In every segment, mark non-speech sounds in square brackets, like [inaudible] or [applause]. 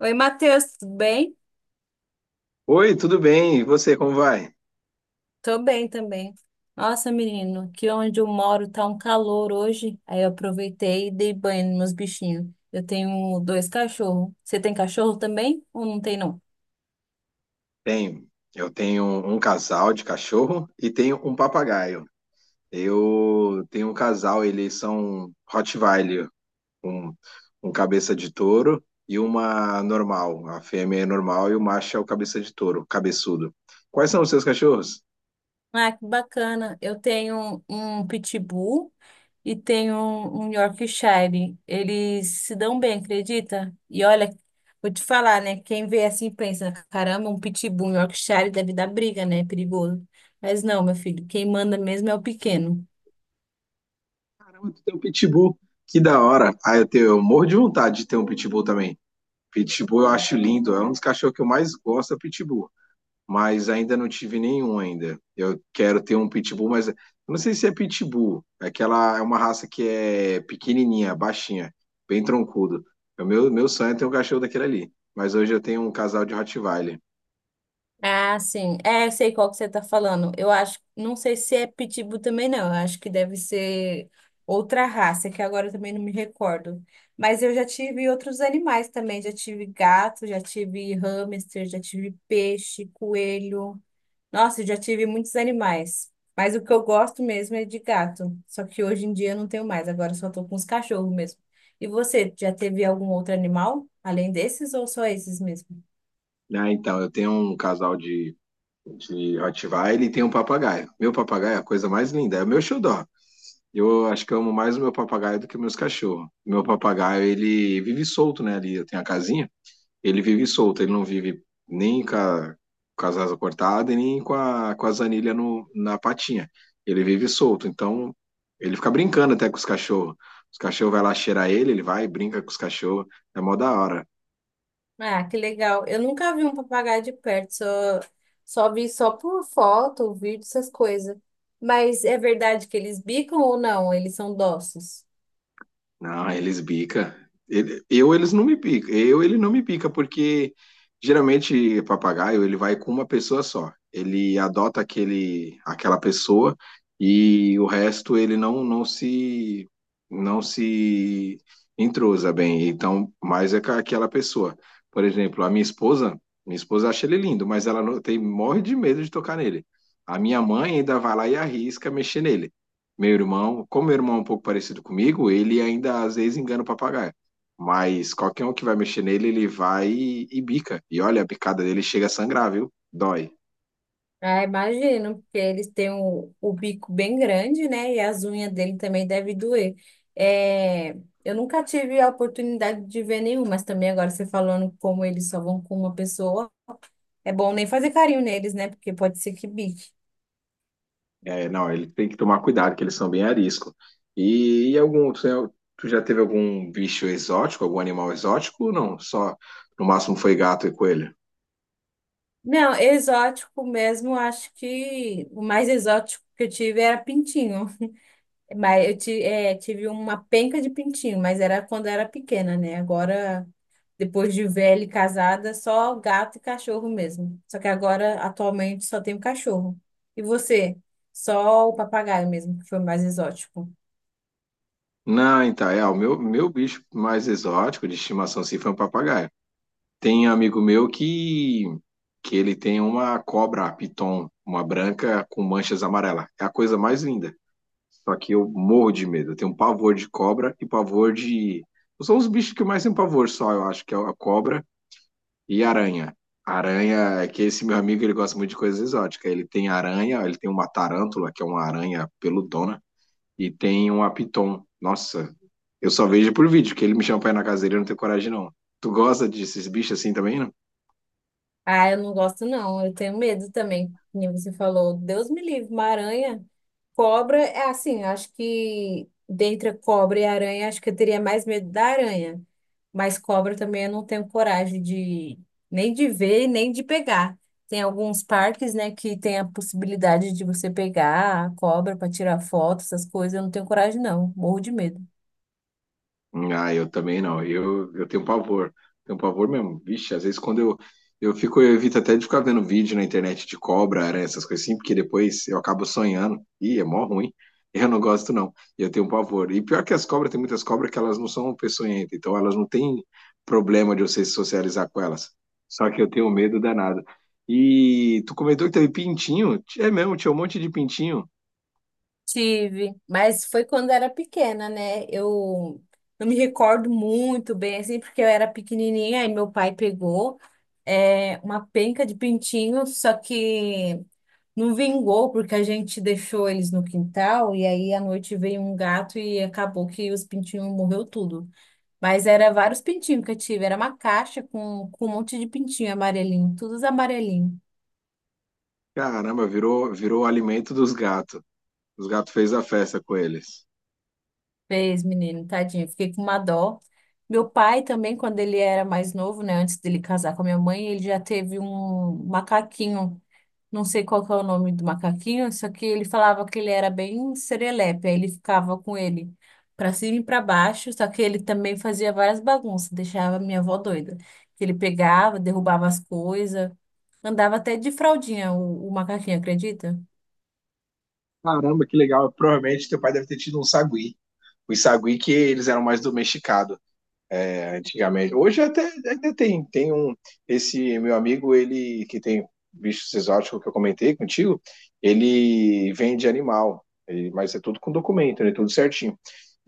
Oi, Matheus, tudo bem? Oi, tudo bem? E você, como vai? Tô bem também. Nossa, menino, aqui onde eu moro tá um calor hoje. Aí eu aproveitei e dei banho nos meus bichinhos. Eu tenho dois cachorros. Você tem cachorro também ou não tem, não? Tenho. Eu tenho um casal de cachorro e tenho um papagaio. Eu tenho um casal, eles são Rottweiler, um, um cabeça de touro e uma normal. A fêmea é normal e o macho é o cabeça de touro, cabeçudo. Quais são os seus cachorros? Ah, que bacana. Eu tenho um pitbull e tenho um Yorkshire. Eles se dão bem, acredita? E olha, vou te falar, né? Quem vê assim pensa, caramba, um pitbull, um Yorkshire deve dar briga, né? Perigoso. Mas não, meu filho, quem manda mesmo é o pequeno. Caramba, tu tem um pitbull. Que da hora. Ah, eu morro de vontade de ter um pitbull também. Pitbull eu acho lindo, é um dos cachorros que eu mais gosto, é pitbull. Mas ainda não tive nenhum ainda. Eu quero ter um pitbull, mas eu não sei se é pitbull. Aquela é uma raça que é pequenininha, baixinha, bem troncudo. É. Meu sonho é ter um cachorro daquele ali. Mas hoje eu tenho um casal de Rottweiler. Ah, sim. É, eu sei qual que você tá falando. Eu acho, não sei se é pitbull também não. Eu acho que deve ser outra raça, que agora eu também não me recordo. Mas eu já tive outros animais também. Já tive gato, já tive hamster, já tive peixe, coelho. Nossa, eu já tive muitos animais. Mas o que eu gosto mesmo é de gato. Só que hoje em dia eu não tenho mais. Agora eu só tô com os cachorros mesmo. E você, já teve algum outro animal além desses ou só esses mesmo? Ah, então, eu tenho um casal de Rottweiler e tenho um papagaio. Meu papagaio é a coisa mais linda, é o meu xodó. Eu acho que eu amo mais o meu papagaio do que os meus cachorros. Meu papagaio, ele vive solto, né, ali. Eu tenho a casinha. Ele vive solto, ele não vive nem com as asas cortadas e nem com as anilhas no, na patinha. Ele vive solto, então ele fica brincando até com os cachorros. Os cachorros vai lá cheirar ele, ele vai, e brinca com os cachorros. É mó da hora. Ah, que legal. Eu nunca vi um papagaio de perto, só vi só por foto, vídeo, essas coisas. Mas é verdade que eles bicam ou não? Eles são dóceis. Não, eles bica. Ele- eu eles não me pica. Eu ele não me pica porque geralmente papagaio ele vai com uma pessoa só. Ele adota aquele aquela pessoa e o resto ele não se entrosa bem. Então, mais é com aquela pessoa. Por exemplo, a minha esposa acha ele lindo, mas ela não, tem morre de medo de tocar nele. A minha mãe ainda vai lá e arrisca mexer nele. Meu irmão, como meu irmão é um pouco parecido comigo, ele ainda às vezes engana o papagaio. Mas qualquer um que vai mexer nele, ele vai e bica. E olha, a picada dele chega a sangrar, viu? Dói. Ah, imagino, porque eles têm o bico bem grande, né? E as unhas dele também devem doer. É, eu nunca tive a oportunidade de ver nenhum, mas também agora você falando como eles só vão com uma pessoa, é bom nem fazer carinho neles, né? Porque pode ser que bique. É, não, ele tem que tomar cuidado, que eles são bem arisco. E tu já teve algum bicho exótico, algum animal exótico? Ou não, só no máximo foi gato e coelho. Não, exótico mesmo, acho que o mais exótico que eu tive era pintinho. Mas tive uma penca de pintinho, mas era quando eu era pequena, né? Agora, depois de velha e casada, só gato e cachorro mesmo. Só que agora, atualmente, só tenho cachorro. E você? Só o papagaio mesmo, que foi o mais exótico. Não, então, é, o meu bicho mais exótico de estimação, assim, foi um papagaio. Tem um amigo meu que ele tem uma cobra piton, uma branca com manchas amarelas. É a coisa mais linda. Só que eu morro de medo. Eu tenho um pavor de cobra e pavor de. São os bichos que eu mais tenho pavor só, eu acho, que é a cobra e aranha. Aranha, é que esse meu amigo ele gosta muito de coisas exóticas. Ele tem aranha, ele tem uma tarântula, que é uma aranha peludona, e tem um piton. Nossa, eu só vejo por vídeo, que ele me chama pra ir na casa dele, eu não tenho coragem, não. Tu gosta desses bichos assim também, não? Ah, eu não gosto, não. Eu tenho medo também. Como você falou, Deus me livre, uma aranha. Cobra, é assim, acho que dentre a cobra e a aranha, acho que eu teria mais medo da aranha. Mas cobra também eu não tenho coragem de nem de ver, nem de pegar. Tem alguns parques, né, que tem a possibilidade de você pegar a cobra para tirar foto, essas coisas. Eu não tenho coragem, não. Morro de medo. Ah, eu também não. Eu tenho pavor. Tenho pavor mesmo. Vixe, às vezes quando eu evito até de ficar vendo vídeo na internet de cobra, aranha, essas coisas assim, porque depois eu acabo sonhando. Ih, é mó ruim. [laughs] Eu não gosto, não. Eu tenho pavor. E pior que as cobras, tem muitas cobras que elas não são peçonhentas, então elas não têm problema de você se socializar com elas. Só que eu tenho medo danado. E tu comentou que teve pintinho? É mesmo, tinha um monte de pintinho. Tive, mas foi quando era pequena, né? Eu não me recordo muito bem, assim, porque eu era pequenininha. E meu pai pegou uma penca de pintinho, só que não vingou porque a gente deixou eles no quintal e aí à noite veio um gato e acabou que os pintinhos morreu tudo. Mas era vários pintinhos que eu tive, era uma caixa com um monte de pintinho amarelinho, todos amarelinhos. Caramba, virou alimento dos gatos. Os gatos fez a festa com eles. Fez, menino, tadinho, fiquei com uma dó. Meu pai também, quando ele era mais novo, né, antes dele casar com a minha mãe, ele já teve um macaquinho. Não sei qual que é o nome do macaquinho, só que ele falava que ele era bem serelepe, aí ele ficava com ele para cima e para baixo, só que ele também fazia várias bagunças, deixava a minha avó doida. Que ele pegava, derrubava as coisas, andava até de fraldinha o macaquinho, acredita? Caramba, que legal. Provavelmente teu pai deve ter tido um sagui. Os sagui que eles eram mais domesticados, né, antigamente. Hoje até ainda tem, tem esse meu amigo, ele que tem bichos exóticos que eu comentei contigo, ele vende animal, ele- mas é tudo com documento, né, tudo certinho.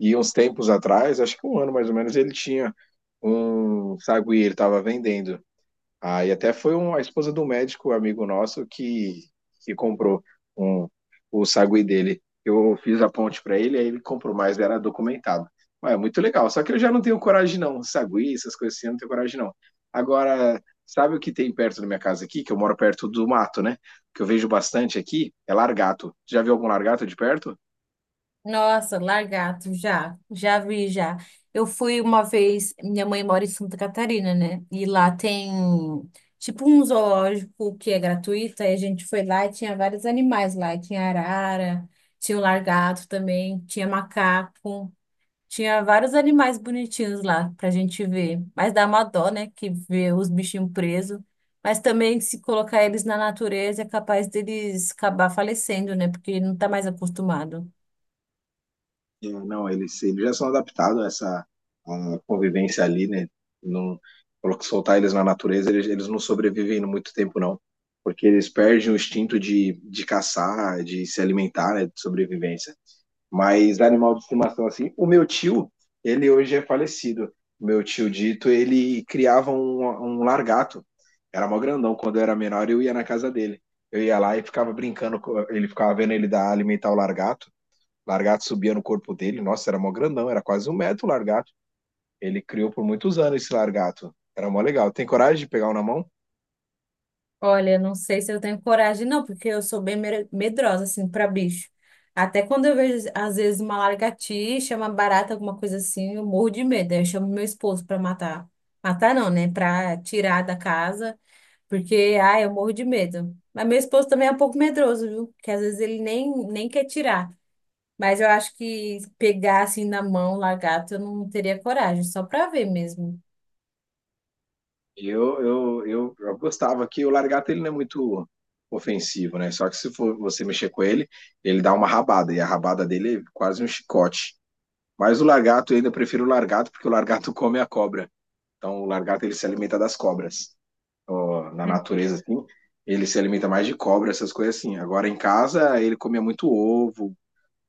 E uns tempos atrás, acho que um ano mais ou menos, ele tinha um sagui, ele estava vendendo. Aí até foi a esposa do médico, amigo nosso, que comprou um, o sagui dele. Eu fiz a ponte para ele, aí ele comprou, mas era documentado. Mas é muito legal. Só que eu já não tenho coragem, não. Sagui, essas coisas assim, eu não tenho coragem, não. Agora, sabe o que tem perto da minha casa aqui? Que eu moro perto do mato, né? Que eu vejo bastante aqui, é largato. Já viu algum largato de perto? Nossa, lagarto, já, já vi, já. Eu fui uma vez, minha mãe mora em Santa Catarina, né? E lá tem tipo um zoológico que é gratuito, aí a gente foi lá e tinha vários animais lá, e tinha arara, tinha o lagarto também, tinha macaco, tinha vários animais bonitinhos lá pra gente ver. Mas dá uma dó, né, que ver os bichinhos presos. Mas também se colocar eles na natureza é capaz deles acabar falecendo, né? Porque não tá mais acostumado. É, não, eles já são adaptados a convivência ali, né? Não, colo- soltar eles na natureza, eles não sobrevivem muito tempo, não. Porque eles perdem o instinto de caçar, de se alimentar, né? De sobrevivência. Mas animal de estimação, assim, o meu tio, ele hoje é falecido. Meu tio Dito, ele criava um largato. Era mó grandão. Quando eu era menor, eu ia na casa dele. Eu ia lá e ficava brincando, ele ficava vendo ele dar alimentar o largato. Largato subia no corpo dele, nossa, era mó grandão, era quase um metro o largato. Ele criou por muitos anos esse largato. Era mó legal. Tem coragem de pegar um na mão? Olha, não sei se eu tenho coragem, não, porque eu sou medrosa, assim, para bicho. Até quando eu vejo, às vezes, uma lagartixa, uma barata, alguma coisa assim, eu morro de medo. Aí eu chamo meu esposo para matar. Matar não, né? Para tirar da casa, porque, ai, eu morro de medo. Mas meu esposo também é um pouco medroso, viu? Porque às vezes ele nem quer tirar. Mas eu acho que pegar assim na mão, lagarto, eu não teria coragem, só para ver mesmo. Eu gostava que o largato ele não é muito ofensivo, né? Só que se for você mexer com ele, ele dá uma rabada, e a rabada dele é quase um chicote. Mas o largato, eu ainda prefiro o largato, porque o largato [laughs] come a cobra. Então o largato ele se alimenta das cobras. Ó, na natureza, assim, ele se alimenta mais de cobra, essas coisas assim. Agora em casa, ele comia muito ovo,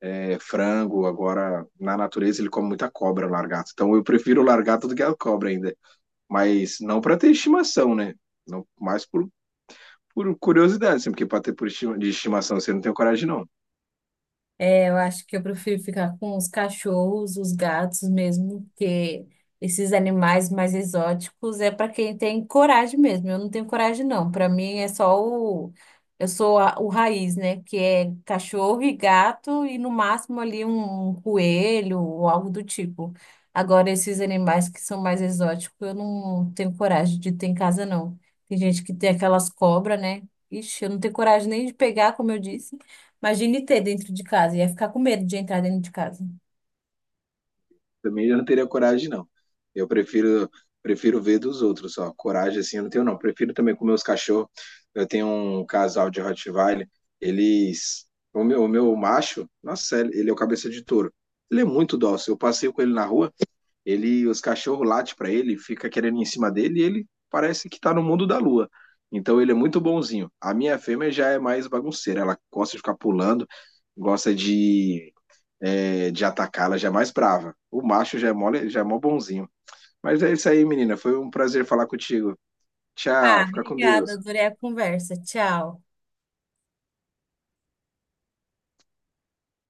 é, frango, agora na natureza ele come muita cobra, o largato. Então eu prefiro o largato do que a cobra ainda. Mas não para ter estimação, né? Não, mais por curiosidade, assim, porque para ter por estima, de estimação você não tem coragem, não. É, eu acho que eu prefiro ficar com os cachorros, os gatos mesmo, porque esses animais mais exóticos é para quem tem coragem mesmo. Eu não tenho coragem, não. Para mim é só o. O raiz, né? Que é cachorro e gato e no máximo ali um coelho ou algo do tipo. Agora, esses animais que são mais exóticos, eu não tenho coragem de ter em casa, não. Tem gente que tem aquelas cobras, né? Ixi, eu não tenho coragem nem de pegar, como eu disse. Imagine ter dentro de casa, ia ficar com medo de entrar dentro de casa. Também eu não teria coragem, não. Eu prefiro ver dos outros. Só coragem assim eu não tenho, não. Prefiro também com meus cachorros. Eu tenho um casal de Rottweiler, eles. O meu macho, nossa, ele é o cabeça de touro. Ele é muito dócil. Eu passeio com ele na rua. Os cachorros latem para ele, fica querendo ir em cima dele e ele parece que tá no mundo da lua. Então ele é muito bonzinho. A minha fêmea já é mais bagunceira, ela gosta de ficar pulando, gosta de atacar, ela já é mais brava. O macho já é mole, já é mó bonzinho. Mas é isso aí, menina. Foi um prazer falar contigo. Ah, Tchau, fica com obrigada, Deus. adorei a conversa. Tchau.